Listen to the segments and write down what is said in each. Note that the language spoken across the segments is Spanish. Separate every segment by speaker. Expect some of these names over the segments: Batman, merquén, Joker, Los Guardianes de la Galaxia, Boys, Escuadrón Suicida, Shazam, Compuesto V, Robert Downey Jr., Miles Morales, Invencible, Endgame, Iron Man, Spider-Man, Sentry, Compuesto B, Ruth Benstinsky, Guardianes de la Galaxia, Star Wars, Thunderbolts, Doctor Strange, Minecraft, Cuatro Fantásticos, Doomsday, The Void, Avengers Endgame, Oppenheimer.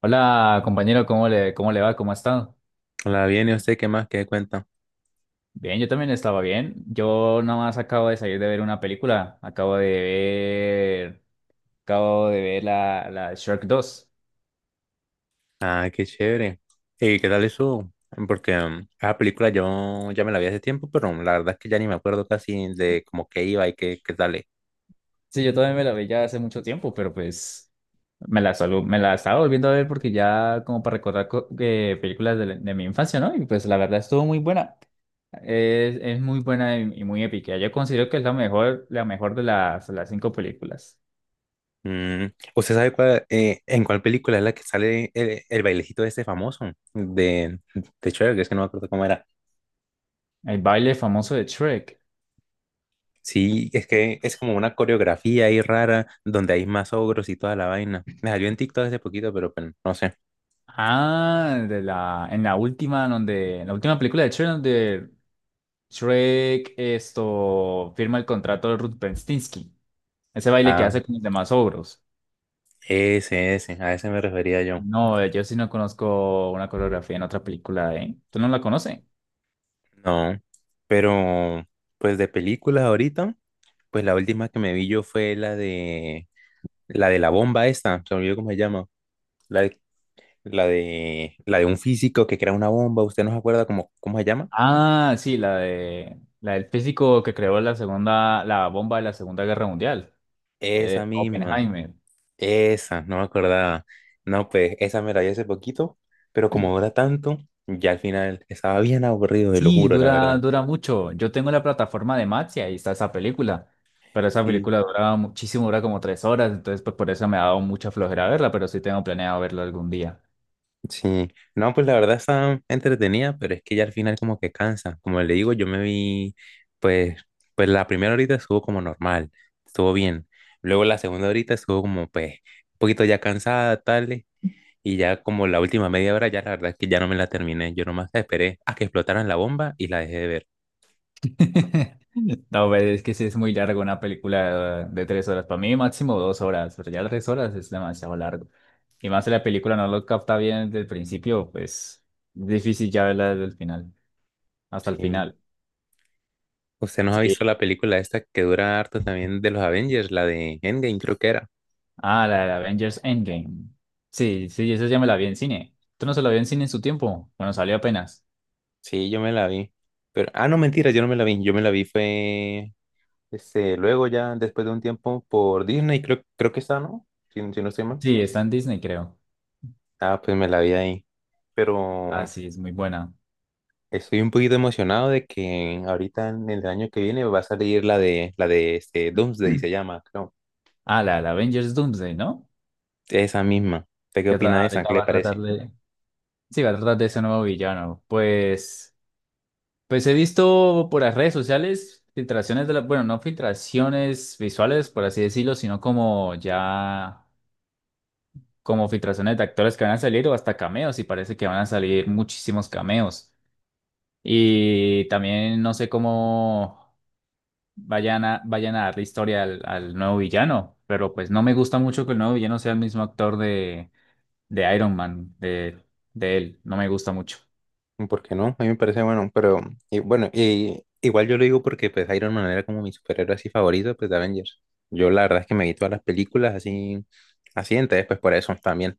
Speaker 1: Hola compañero, cómo le va? ¿Cómo ha estado?
Speaker 2: La viene usted, ¿qué más? ¿Qué cuenta?
Speaker 1: Bien, yo también estaba bien. Yo nada más acabo de salir de ver una película. Acabo de ver la Shrek dos.
Speaker 2: Ah, qué chévere. ¿Y qué tal eso? Porque esa película yo ya me la vi hace tiempo, pero la verdad es que ya ni me acuerdo casi de como qué iba y qué sale.
Speaker 1: Sí, yo también me la vi ya hace mucho tiempo, pero pues me la estaba volviendo a ver porque ya como para recordar películas de mi infancia, ¿no? Y pues la verdad estuvo muy buena. Es muy buena y muy épica. Yo considero que es la mejor de las cinco películas.
Speaker 2: Mm, ¿Usted sabe cuál, en cuál película es la que sale el bailecito de este famoso de Cher? Que es que no me acuerdo cómo era.
Speaker 1: El baile famoso de Shrek.
Speaker 2: Sí, es que es como una coreografía ahí rara donde hay más ogros y toda la vaina. Me salió en TikTok hace poquito, pero pues, no sé.
Speaker 1: En la última, en la última película de Shrek, donde Shrek firma el contrato de Ruth Benstinsky. Ese baile que
Speaker 2: Ah,
Speaker 1: hace con los demás ogros.
Speaker 2: a ese me refería yo.
Speaker 1: No, yo sí no conozco una coreografía en otra película, ¿eh? ¿Tú no la conoces?
Speaker 2: No, pero pues de películas ahorita, pues la última que me vi yo fue la de la bomba esta, se me olvidó cómo se llama, la de, la de un físico que crea una bomba, ¿usted no se acuerda cómo se llama?
Speaker 1: La del físico que creó la bomba de la Segunda Guerra Mundial,
Speaker 2: Esa misma,
Speaker 1: Oppenheimer.
Speaker 2: esa, no me acordaba. No, pues esa me la vi hace poquito, pero como dura tanto, ya al final estaba bien aburrido, te lo
Speaker 1: Sí,
Speaker 2: juro, la verdad.
Speaker 1: dura mucho. Yo tengo la plataforma de Max y ahí está esa película. Pero esa
Speaker 2: Sí.
Speaker 1: película duraba muchísimo, dura como tres horas, entonces pues por eso me ha dado mucha flojera verla, pero sí tengo planeado verlo algún día.
Speaker 2: Sí, no, pues la verdad está entretenida, pero es que ya al final como que cansa. Como le digo, yo me vi, pues, pues, la primera horita estuvo como normal, estuvo bien. Luego la segunda horita estuvo como, pues, un poquito ya cansada, tal, y ya como la última media hora, ya la verdad es que ya no me la terminé. Yo nomás esperé a que explotaran la bomba y la dejé de ver.
Speaker 1: No, pero es que sí es muy largo una película de tres horas. Para mí máximo dos horas, pero ya tres horas es demasiado largo. Y más si la película no lo capta bien desde el principio, pues difícil ya verla desde el final, hasta el
Speaker 2: Sí.
Speaker 1: final.
Speaker 2: ¿Usted nos ha visto
Speaker 1: Sí.
Speaker 2: la película esta que dura harto también de los Avengers, la de Endgame creo que era?
Speaker 1: Ah, la de Avengers Endgame. Sí, sí, esa ya me la vi en cine. ¿Tú no se la vi en cine en su tiempo? Bueno, salió apenas.
Speaker 2: Sí, yo me la vi. Pero, ah, no, mentira, yo no me la vi. Yo me la vi fue luego ya después de un tiempo por Disney, creo que está, ¿no? Si, si no estoy mal.
Speaker 1: Sí, está en Disney, creo.
Speaker 2: Ah, pues me la vi ahí.
Speaker 1: Ah,
Speaker 2: Pero
Speaker 1: sí, es muy buena.
Speaker 2: estoy un poquito emocionado de que ahorita en el año que viene va a salir la de este Doomsday se llama, creo.
Speaker 1: Ah, la Avengers Doomsday, ¿no?
Speaker 2: Esa misma. ¿Usted qué
Speaker 1: Que
Speaker 2: opina
Speaker 1: tra-
Speaker 2: de esa? ¿Qué
Speaker 1: ahorita
Speaker 2: le
Speaker 1: va a tratar
Speaker 2: parece?
Speaker 1: de... Sí, va a tratar de ese nuevo villano. Pues he visto por las redes sociales filtraciones de la... Bueno, no filtraciones visuales, por así decirlo, sino como ya... como filtraciones de actores que van a salir o hasta cameos y parece que van a salir muchísimos cameos. Y también no sé cómo vayan a darle historia al nuevo villano, pero pues no me gusta mucho que el nuevo villano sea el mismo actor de Iron Man, de él, no me gusta mucho.
Speaker 2: ¿Por qué no? A mí me parece bueno, pero y bueno, igual yo lo digo porque pues Iron Man era como mi superhéroe así favorito, pues de Avengers. Yo la verdad es que me vi todas las películas así así, entonces pues por eso también.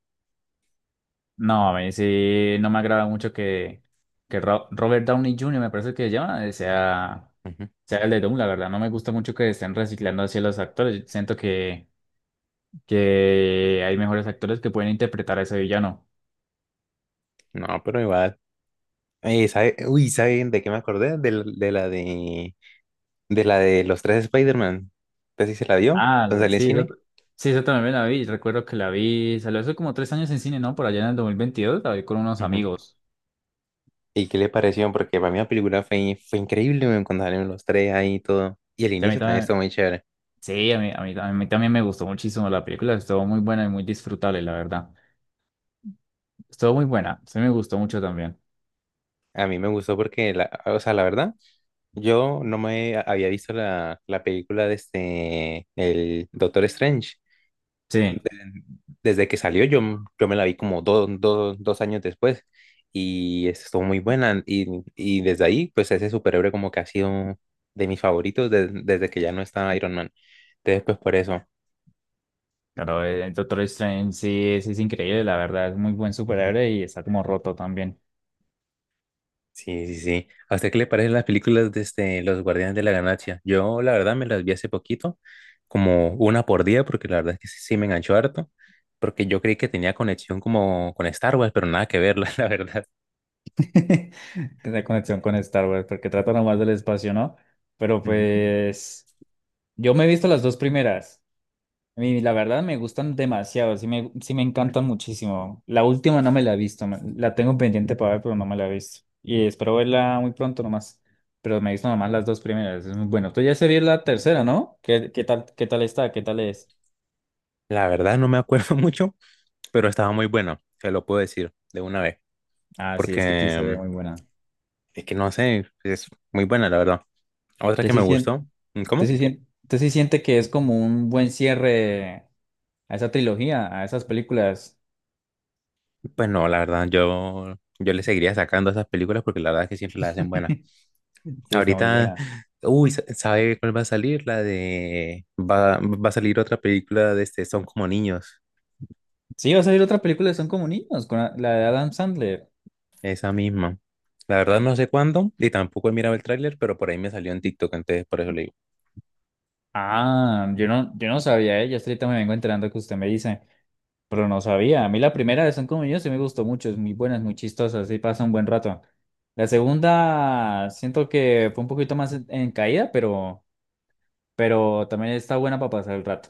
Speaker 1: No, a mí sí, no me agrada mucho que Ro- Robert Downey Jr., me parece que se llama,
Speaker 2: Ujú.
Speaker 1: sea el de Doom, la verdad, no me gusta mucho que estén reciclando así a los actores, siento que hay mejores actores que pueden interpretar a ese villano.
Speaker 2: No, pero igual. Uy, ¿saben de qué me acordé? De la de los tres Spider-Man. ¿Usted sí se la vio
Speaker 1: Ah,
Speaker 2: cuando salió en
Speaker 1: sí, yo,
Speaker 2: cine?
Speaker 1: sí, yo también la vi. Recuerdo que la vi, salió hace como tres años en cine, ¿no? Por allá en el 2022 la vi con unos
Speaker 2: Ujú.
Speaker 1: amigos.
Speaker 2: ¿Y qué le pareció? Porque para mí la película fue increíble weón, cuando salieron los tres ahí y todo. Y el
Speaker 1: Y a mí
Speaker 2: inicio también estuvo
Speaker 1: también,
Speaker 2: muy chévere.
Speaker 1: sí, a mí también me gustó muchísimo la película. Estuvo muy buena y muy disfrutable, la verdad. Estuvo muy buena, sí me gustó mucho también.
Speaker 2: A mí me gustó porque, o sea, la verdad, yo no me había visto la película de este, el Doctor Strange.
Speaker 1: Sí,
Speaker 2: Desde que salió, yo, me la vi como dos años después y estuvo muy buena. Y desde ahí, pues ese superhéroe como que ha sido de mis favoritos desde que ya no está Iron Man. Entonces, pues por eso.
Speaker 1: claro, el Doctor Strange sí, es increíble, la verdad. Es muy buen superhéroe y está como roto también.
Speaker 2: Sí, sí, sí. ¿A usted qué le parecen las películas de Los Guardianes de la Galaxia? Yo, la verdad, me las vi hace poquito, como una por día, porque la verdad es que sí, sí me enganchó harto, porque yo creí que tenía conexión como con Star Wars, pero nada que ver, la verdad.
Speaker 1: Tiene conexión con Star Wars, porque trata nomás del espacio, ¿no? Pero
Speaker 2: Ujú.
Speaker 1: pues, yo me he visto las dos primeras. A mí, la verdad, me gustan demasiado, sí me encantan muchísimo. La última no me la he visto, me- la tengo pendiente para ver, pero no me la he visto. Y espero verla muy pronto nomás. Pero me he visto nomás las dos primeras, es muy bueno. Tú ya se vio la tercera, ¿no? ¿Qué tal está? ¿Qué tal es?
Speaker 2: La verdad no me acuerdo mucho, pero estaba muy buena, se lo puedo decir de una vez,
Speaker 1: Ah, sí, es que sí
Speaker 2: porque
Speaker 1: se ve muy buena.
Speaker 2: es que no sé, es muy buena, la verdad. Otra
Speaker 1: Te
Speaker 2: que
Speaker 1: sí
Speaker 2: me
Speaker 1: sien-
Speaker 2: gustó, ¿cómo?
Speaker 1: Te sí siente que es como un buen cierre a esa trilogía, a esas películas.
Speaker 2: Pues no, la verdad, yo le seguiría sacando a esas películas porque la verdad es que siempre las hacen buenas.
Speaker 1: Sí, está muy
Speaker 2: Ahorita,
Speaker 1: buena.
Speaker 2: uy, ¿sabe cuál va a salir? Va a salir otra película de Son como niños,
Speaker 1: Sí, va a salir otra película de Son como niños, con la de Adam Sandler.
Speaker 2: esa misma. La verdad no sé cuándo y tampoco he mirado el tráiler, pero por ahí me salió en TikTok, entonces por eso le digo.
Speaker 1: Ah, yo no sabía, ¿eh? Yo hasta ahorita me vengo enterando que usted me dice, pero no sabía. A mí la primera de Son como yo sí me gustó mucho, es muy buena, es muy chistosa, sí pasa un buen rato. La segunda siento que fue un poquito más en caída, pero también está buena para pasar el rato.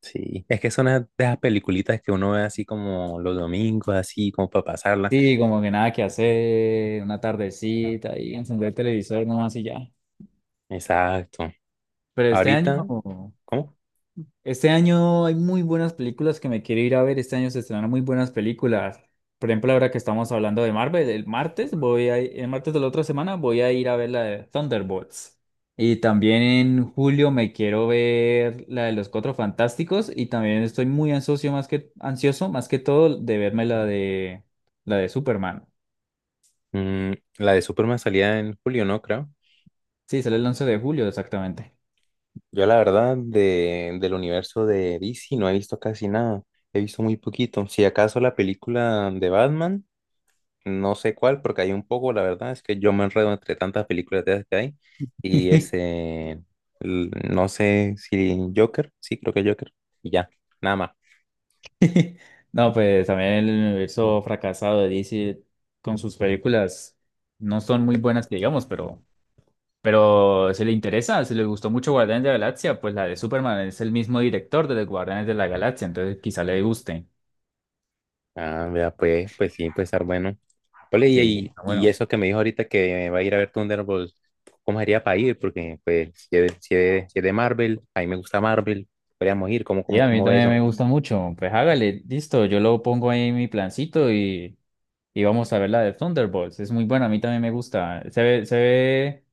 Speaker 2: Sí, es que son de esas peliculitas que uno ve así como los domingos, así como para pasarla.
Speaker 1: Sí, como que nada que hacer, una tardecita y encender el televisor nomás y ya.
Speaker 2: Exacto.
Speaker 1: Pero este año,
Speaker 2: Ahorita, ¿cómo?
Speaker 1: Este año hay muy buenas películas que me quiero ir a ver. Este año se estrenan muy buenas películas. Por ejemplo, ahora que estamos hablando de Marvel, el martes de la otra semana voy a ir a ver la de Thunderbolts. Y también en julio me quiero ver la de los Cuatro Fantásticos y también estoy muy ansioso más que todo de verme la de Superman.
Speaker 2: Mm, la de Superman salía en julio, ¿no? Creo.
Speaker 1: Sí, sale el 11 de julio exactamente.
Speaker 2: Yo la verdad del universo de DC no he visto casi nada. He visto muy poquito. Si acaso la película de Batman, no sé cuál, porque hay un poco, la verdad, es que yo me enredo entre tantas películas de esas que hay. Y no sé si Joker, sí, creo que Joker. Y ya, nada más.
Speaker 1: No, pues también el universo fracasado de DC con sus películas no son muy buenas que digamos, pero si le interesa, si le gustó mucho Guardianes de la Galaxia, pues la de Superman es el mismo director de los Guardianes de la Galaxia, entonces quizá le guste.
Speaker 2: Ah, vea, pues, sí, puede estar bueno. Ole, y,
Speaker 1: Sí,
Speaker 2: y,
Speaker 1: está
Speaker 2: y
Speaker 1: bueno.
Speaker 2: eso que me dijo ahorita que va a ir a ver Thunderbolts, ¿cómo sería para ir? Porque, pues, si es de Marvel, a mí me gusta Marvel, podríamos ir, ¿cómo,
Speaker 1: Sí,
Speaker 2: cómo,
Speaker 1: a mí
Speaker 2: cómo ve
Speaker 1: también
Speaker 2: eso?
Speaker 1: me gusta mucho. Pues hágale, listo, yo lo pongo ahí en mi plancito y vamos a ver la de Thunderbolts. Es muy buena, a mí también me gusta.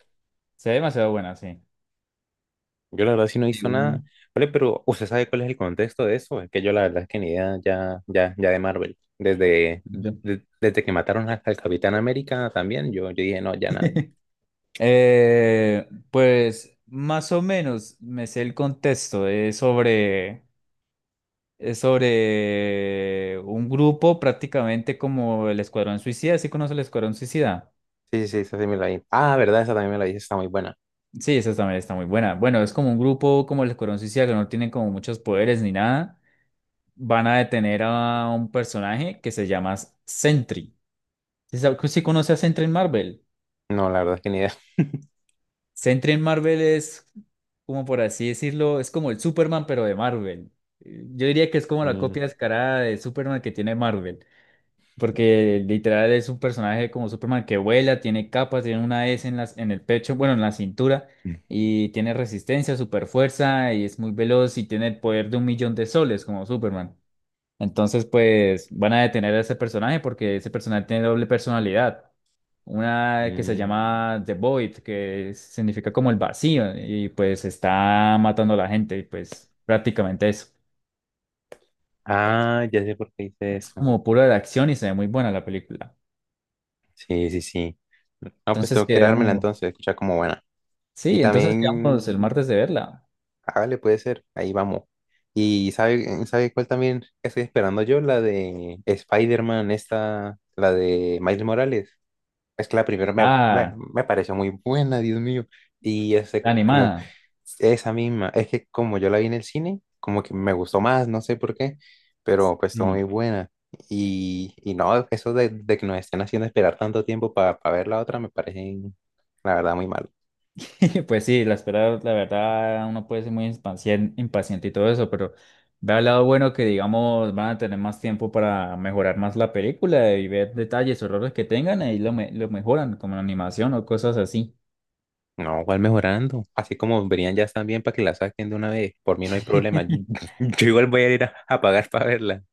Speaker 1: Se ve demasiado buena, sí.
Speaker 2: Yo la verdad sí no he
Speaker 1: Sí,
Speaker 2: visto
Speaker 1: uno.
Speaker 2: nada. Ole, pero ¿usted sabe cuál es el contexto de eso? Es que yo la verdad es que ni idea ya de Marvel. Desde, de- desde que mataron al Capitán América también, yo dije, no, ya nada.
Speaker 1: Pues más o menos me sé el contexto. Es sobre un grupo prácticamente como el Escuadrón Suicida. ¿Sí conoce el Escuadrón Suicida?
Speaker 2: Sí, sí, sí, esa sí me la vi. Ah, verdad, esa también me la vi, está muy buena.
Speaker 1: Sí, esa también está muy buena. Bueno, es como un grupo como el Escuadrón Suicida que no tienen como muchos poderes ni nada. Van a detener a un personaje que se llama Sentry. ¿Sí, sabe- sí conoce a Sentry en Marvel?
Speaker 2: No, la verdad es que ni idea.
Speaker 1: Sentry en Marvel es, Como por así decirlo, es como el Superman, pero de Marvel. Yo diría que es como la
Speaker 2: Mm.
Speaker 1: copia descarada de Superman que tiene Marvel, porque literal es un personaje como Superman que vuela, tiene capas, tiene una S en en el pecho, bueno, en la cintura, y tiene resistencia, super fuerza, y es muy veloz y tiene el poder de un millón de soles como Superman. Entonces, pues van a detener a ese personaje porque ese personaje tiene doble personalidad. Una que se
Speaker 2: Mm.
Speaker 1: llama The Void, que significa como el vacío, y pues está matando a la gente, y pues prácticamente eso.
Speaker 2: Ah, ya sé por qué hice
Speaker 1: Es
Speaker 2: eso.
Speaker 1: como pura de acción y se ve muy buena la película.
Speaker 2: Sí, sí, sí. No, pues
Speaker 1: Entonces
Speaker 2: tengo que ir a dármela
Speaker 1: quedamos,
Speaker 2: entonces, escucha como buena. Y
Speaker 1: sí, entonces
Speaker 2: también,
Speaker 1: quedamos el martes de verla.
Speaker 2: hágale, puede ser, ahí vamos. Y ¿sabe cuál también estoy esperando yo? La de Spider-Man, esta, la de Miles Morales. Es que la primera me, me,
Speaker 1: Ah,
Speaker 2: me pareció muy buena, Dios mío. Y
Speaker 1: la animada.
Speaker 2: esa misma, es que como yo la vi en el cine, como que me gustó más, no sé por qué, pero pues está muy
Speaker 1: Sí.
Speaker 2: buena. Y no, eso de que nos estén haciendo esperar tanto tiempo para ver la otra me parece, la verdad, muy mal.
Speaker 1: Pues sí, la espera, la verdad, uno puede ser muy impaciente y todo eso, pero ve al lado bueno que, digamos, van a tener más tiempo para mejorar más la película y ver detalles o errores que tengan, lo mejoran, como la animación o cosas así.
Speaker 2: No, igual mejorando. Así como verían ya también para que la saquen de una vez. Por mí no hay problema. Yo igual voy a ir a pagar para verla.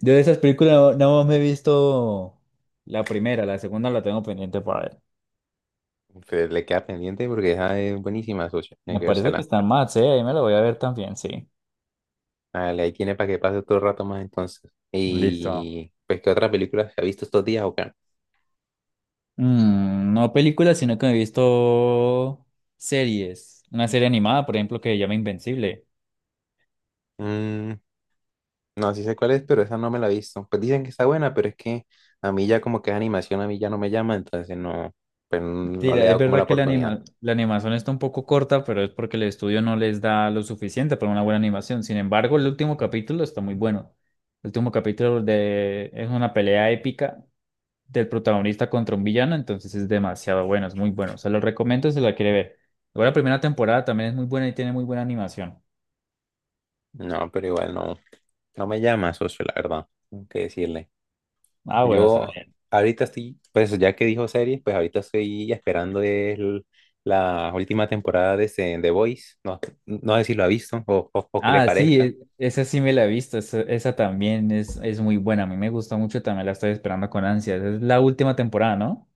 Speaker 1: Yo de esas películas no me he visto la primera, la segunda la tengo pendiente para ver.
Speaker 2: Pero le queda pendiente porque esa es buenísima, socio. Tiene
Speaker 1: Me
Speaker 2: que
Speaker 1: parece que
Speaker 2: vérsela.
Speaker 1: está más, sí, ahí me la voy a ver también, sí.
Speaker 2: Vale, ahí tiene para que pase otro rato más entonces.
Speaker 1: Listo.
Speaker 2: Y pues, ¿qué otra película se ha visto estos días o qué?
Speaker 1: Mm, no películas, sino que me he visto series. Una serie animada, por ejemplo, que se llama Invencible.
Speaker 2: Mm, no, sí sé cuál es, pero esa no me la he visto. Pues dicen que está buena, pero es que a mí ya como que es animación, a mí ya no me llama, entonces no, pues
Speaker 1: Sí,
Speaker 2: no le
Speaker 1: la-
Speaker 2: he
Speaker 1: es
Speaker 2: dado como la
Speaker 1: verdad que la
Speaker 2: oportunidad.
Speaker 1: anima- la animación está un poco corta, pero es porque el estudio no les da lo suficiente para una buena animación. Sin embargo, el último capítulo está muy bueno. El último capítulo de... es una pelea épica del protagonista contra un villano, entonces es demasiado bueno, es muy bueno. Se lo recomiendo si la quiere ver. Luego la primera temporada también es muy buena y tiene muy buena animación.
Speaker 2: No, pero igual no, no me llama, socio, la verdad, tengo que decirle.
Speaker 1: Ah, bueno, está
Speaker 2: Yo
Speaker 1: bien.
Speaker 2: ahorita estoy, pues ya que dijo series, pues ahorita estoy esperando la última temporada de Boys. No, no sé si lo ha visto o qué le
Speaker 1: Ah, sí,
Speaker 2: parezca.
Speaker 1: e- esa sí me la he visto, esa también es muy buena, a mí me gusta mucho, también la estoy esperando con ansias. Es la última temporada, ¿no?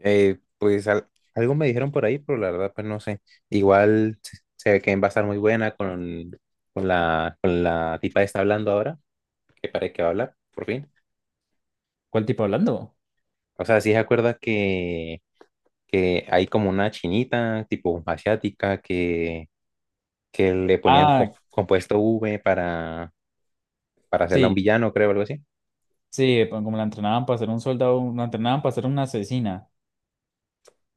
Speaker 2: Pues algo me dijeron por ahí, pero la verdad, pues no sé. Igual se ve que va a estar muy buena con la tipa que está hablando ahora, que parece que va a hablar, por fin.
Speaker 1: ¿Cuál tipo hablando?
Speaker 2: O sea, sí se acuerda que hay como una chinita, tipo asiática, que le ponían
Speaker 1: Ah,
Speaker 2: compuesto V para hacerla un
Speaker 1: sí,
Speaker 2: villano, creo, algo así.
Speaker 1: sí, pa- como la entrenaban para ser un soldado, la entrenaban para ser una asesina.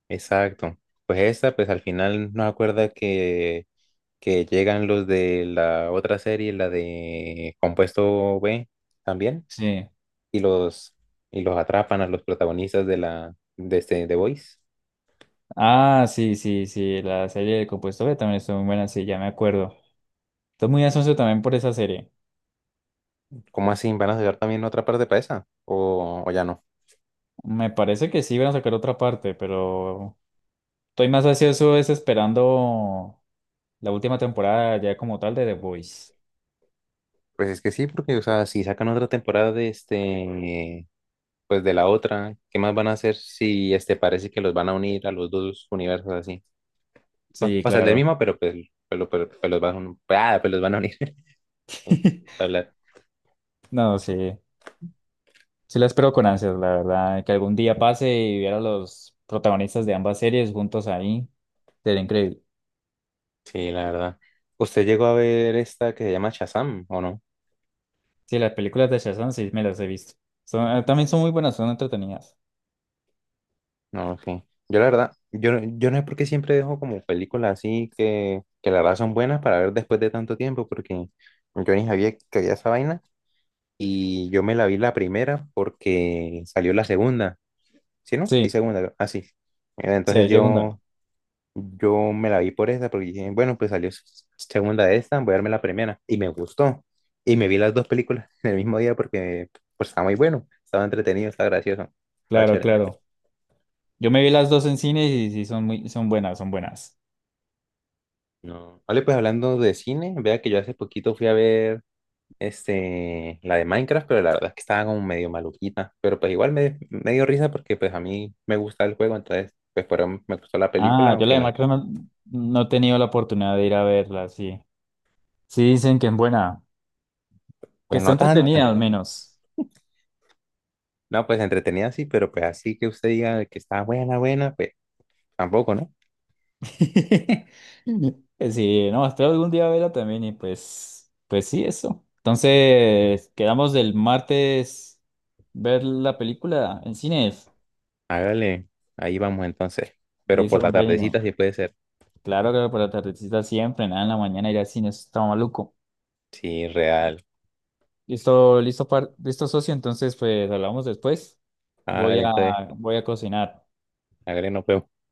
Speaker 2: Exacto. Pues esa, pues al final nos acuerda que llegan los de la otra serie, la de Compuesto B también,
Speaker 1: Sí.
Speaker 2: y los, y los atrapan a los protagonistas de la de este The Voice.
Speaker 1: Ah, sí, sí, sí, la serie de Compuesto B también estuvo muy buena, sí, ya me acuerdo. Estoy muy ansioso también por esa serie.
Speaker 2: ¿Cómo así? ¿Van a sacar también otra parte para esa? ¿O ya no?
Speaker 1: Me parece que sí van a sacar otra parte, pero estoy más ansioso es esperando la última temporada ya como tal de The Voice.
Speaker 2: Pues es que sí, porque o sea, si sacan otra temporada de este, pues de la otra, ¿qué más van a hacer si este parece que los van a unir a los dos universos así? O
Speaker 1: Sí,
Speaker 2: o sea, el del
Speaker 1: claro.
Speaker 2: mismo, pero pues los van, pues los van a unir. hablar.
Speaker 1: No, sí. Sí la espero con ansias, la verdad. Que algún día pase y viera a los protagonistas de ambas series juntos ahí. Sería increíble.
Speaker 2: Sí, la verdad. ¿Usted llegó a ver esta que se llama Shazam o no?
Speaker 1: Sí, las películas de Shazam sí me las he visto. Son, también son muy buenas, son entretenidas.
Speaker 2: No, sí. Yo la verdad, yo no sé por qué siempre dejo como películas así que la verdad son buenas para ver después de tanto tiempo, porque yo ni sabía que había esa vaina y yo me la vi la primera porque salió la segunda, ¿sí no? Y
Speaker 1: Sí,
Speaker 2: segunda, así.
Speaker 1: sí,
Speaker 2: Entonces
Speaker 1: hay segunda.
Speaker 2: yo me la vi por esa, porque dije, bueno, pues salió segunda de esta, voy a darme la primera. Y me gustó. Y me vi las dos películas en el mismo día porque pues, estaba muy bueno, estaba entretenido, estaba gracioso, estaba
Speaker 1: Claro,
Speaker 2: chévere.
Speaker 1: claro. Yo me vi las dos en cine y sí son muy, son buenas, son buenas.
Speaker 2: No. Vale, pues hablando de cine, vea que yo hace poquito fui a ver la de Minecraft, pero la verdad es que estaba como medio maluquita. Pero pues igual me, dio risa porque pues a mí me gusta el juego, entonces pues por eso me gustó la película,
Speaker 1: Ah, yo la de
Speaker 2: aunque
Speaker 1: Macron no he tenido la oportunidad de ir a verla, sí. Sí, dicen que es buena, que
Speaker 2: pues
Speaker 1: está
Speaker 2: no tanto.
Speaker 1: entretenida al menos.
Speaker 2: No, pues entretenida sí, pero pues así que usted diga que está buena, buena, pues tampoco, ¿no?
Speaker 1: Sí, no, espero algún día verla también y pues, pues sí, eso. Entonces, quedamos del martes ver la película en cines.
Speaker 2: Hágale, ahí vamos entonces. Pero por
Speaker 1: Listo,
Speaker 2: la tardecita
Speaker 1: compañero.
Speaker 2: sí puede ser.
Speaker 1: Claro que por la tardecita siempre, nada, en la mañana ir al cine, eso está maluco.
Speaker 2: Sí, real.
Speaker 1: Listo, socio. Entonces, pues hablamos después. Voy
Speaker 2: Hágale
Speaker 1: a,
Speaker 2: entonces,
Speaker 1: Voy a cocinar.
Speaker 2: hágale, nos vemos.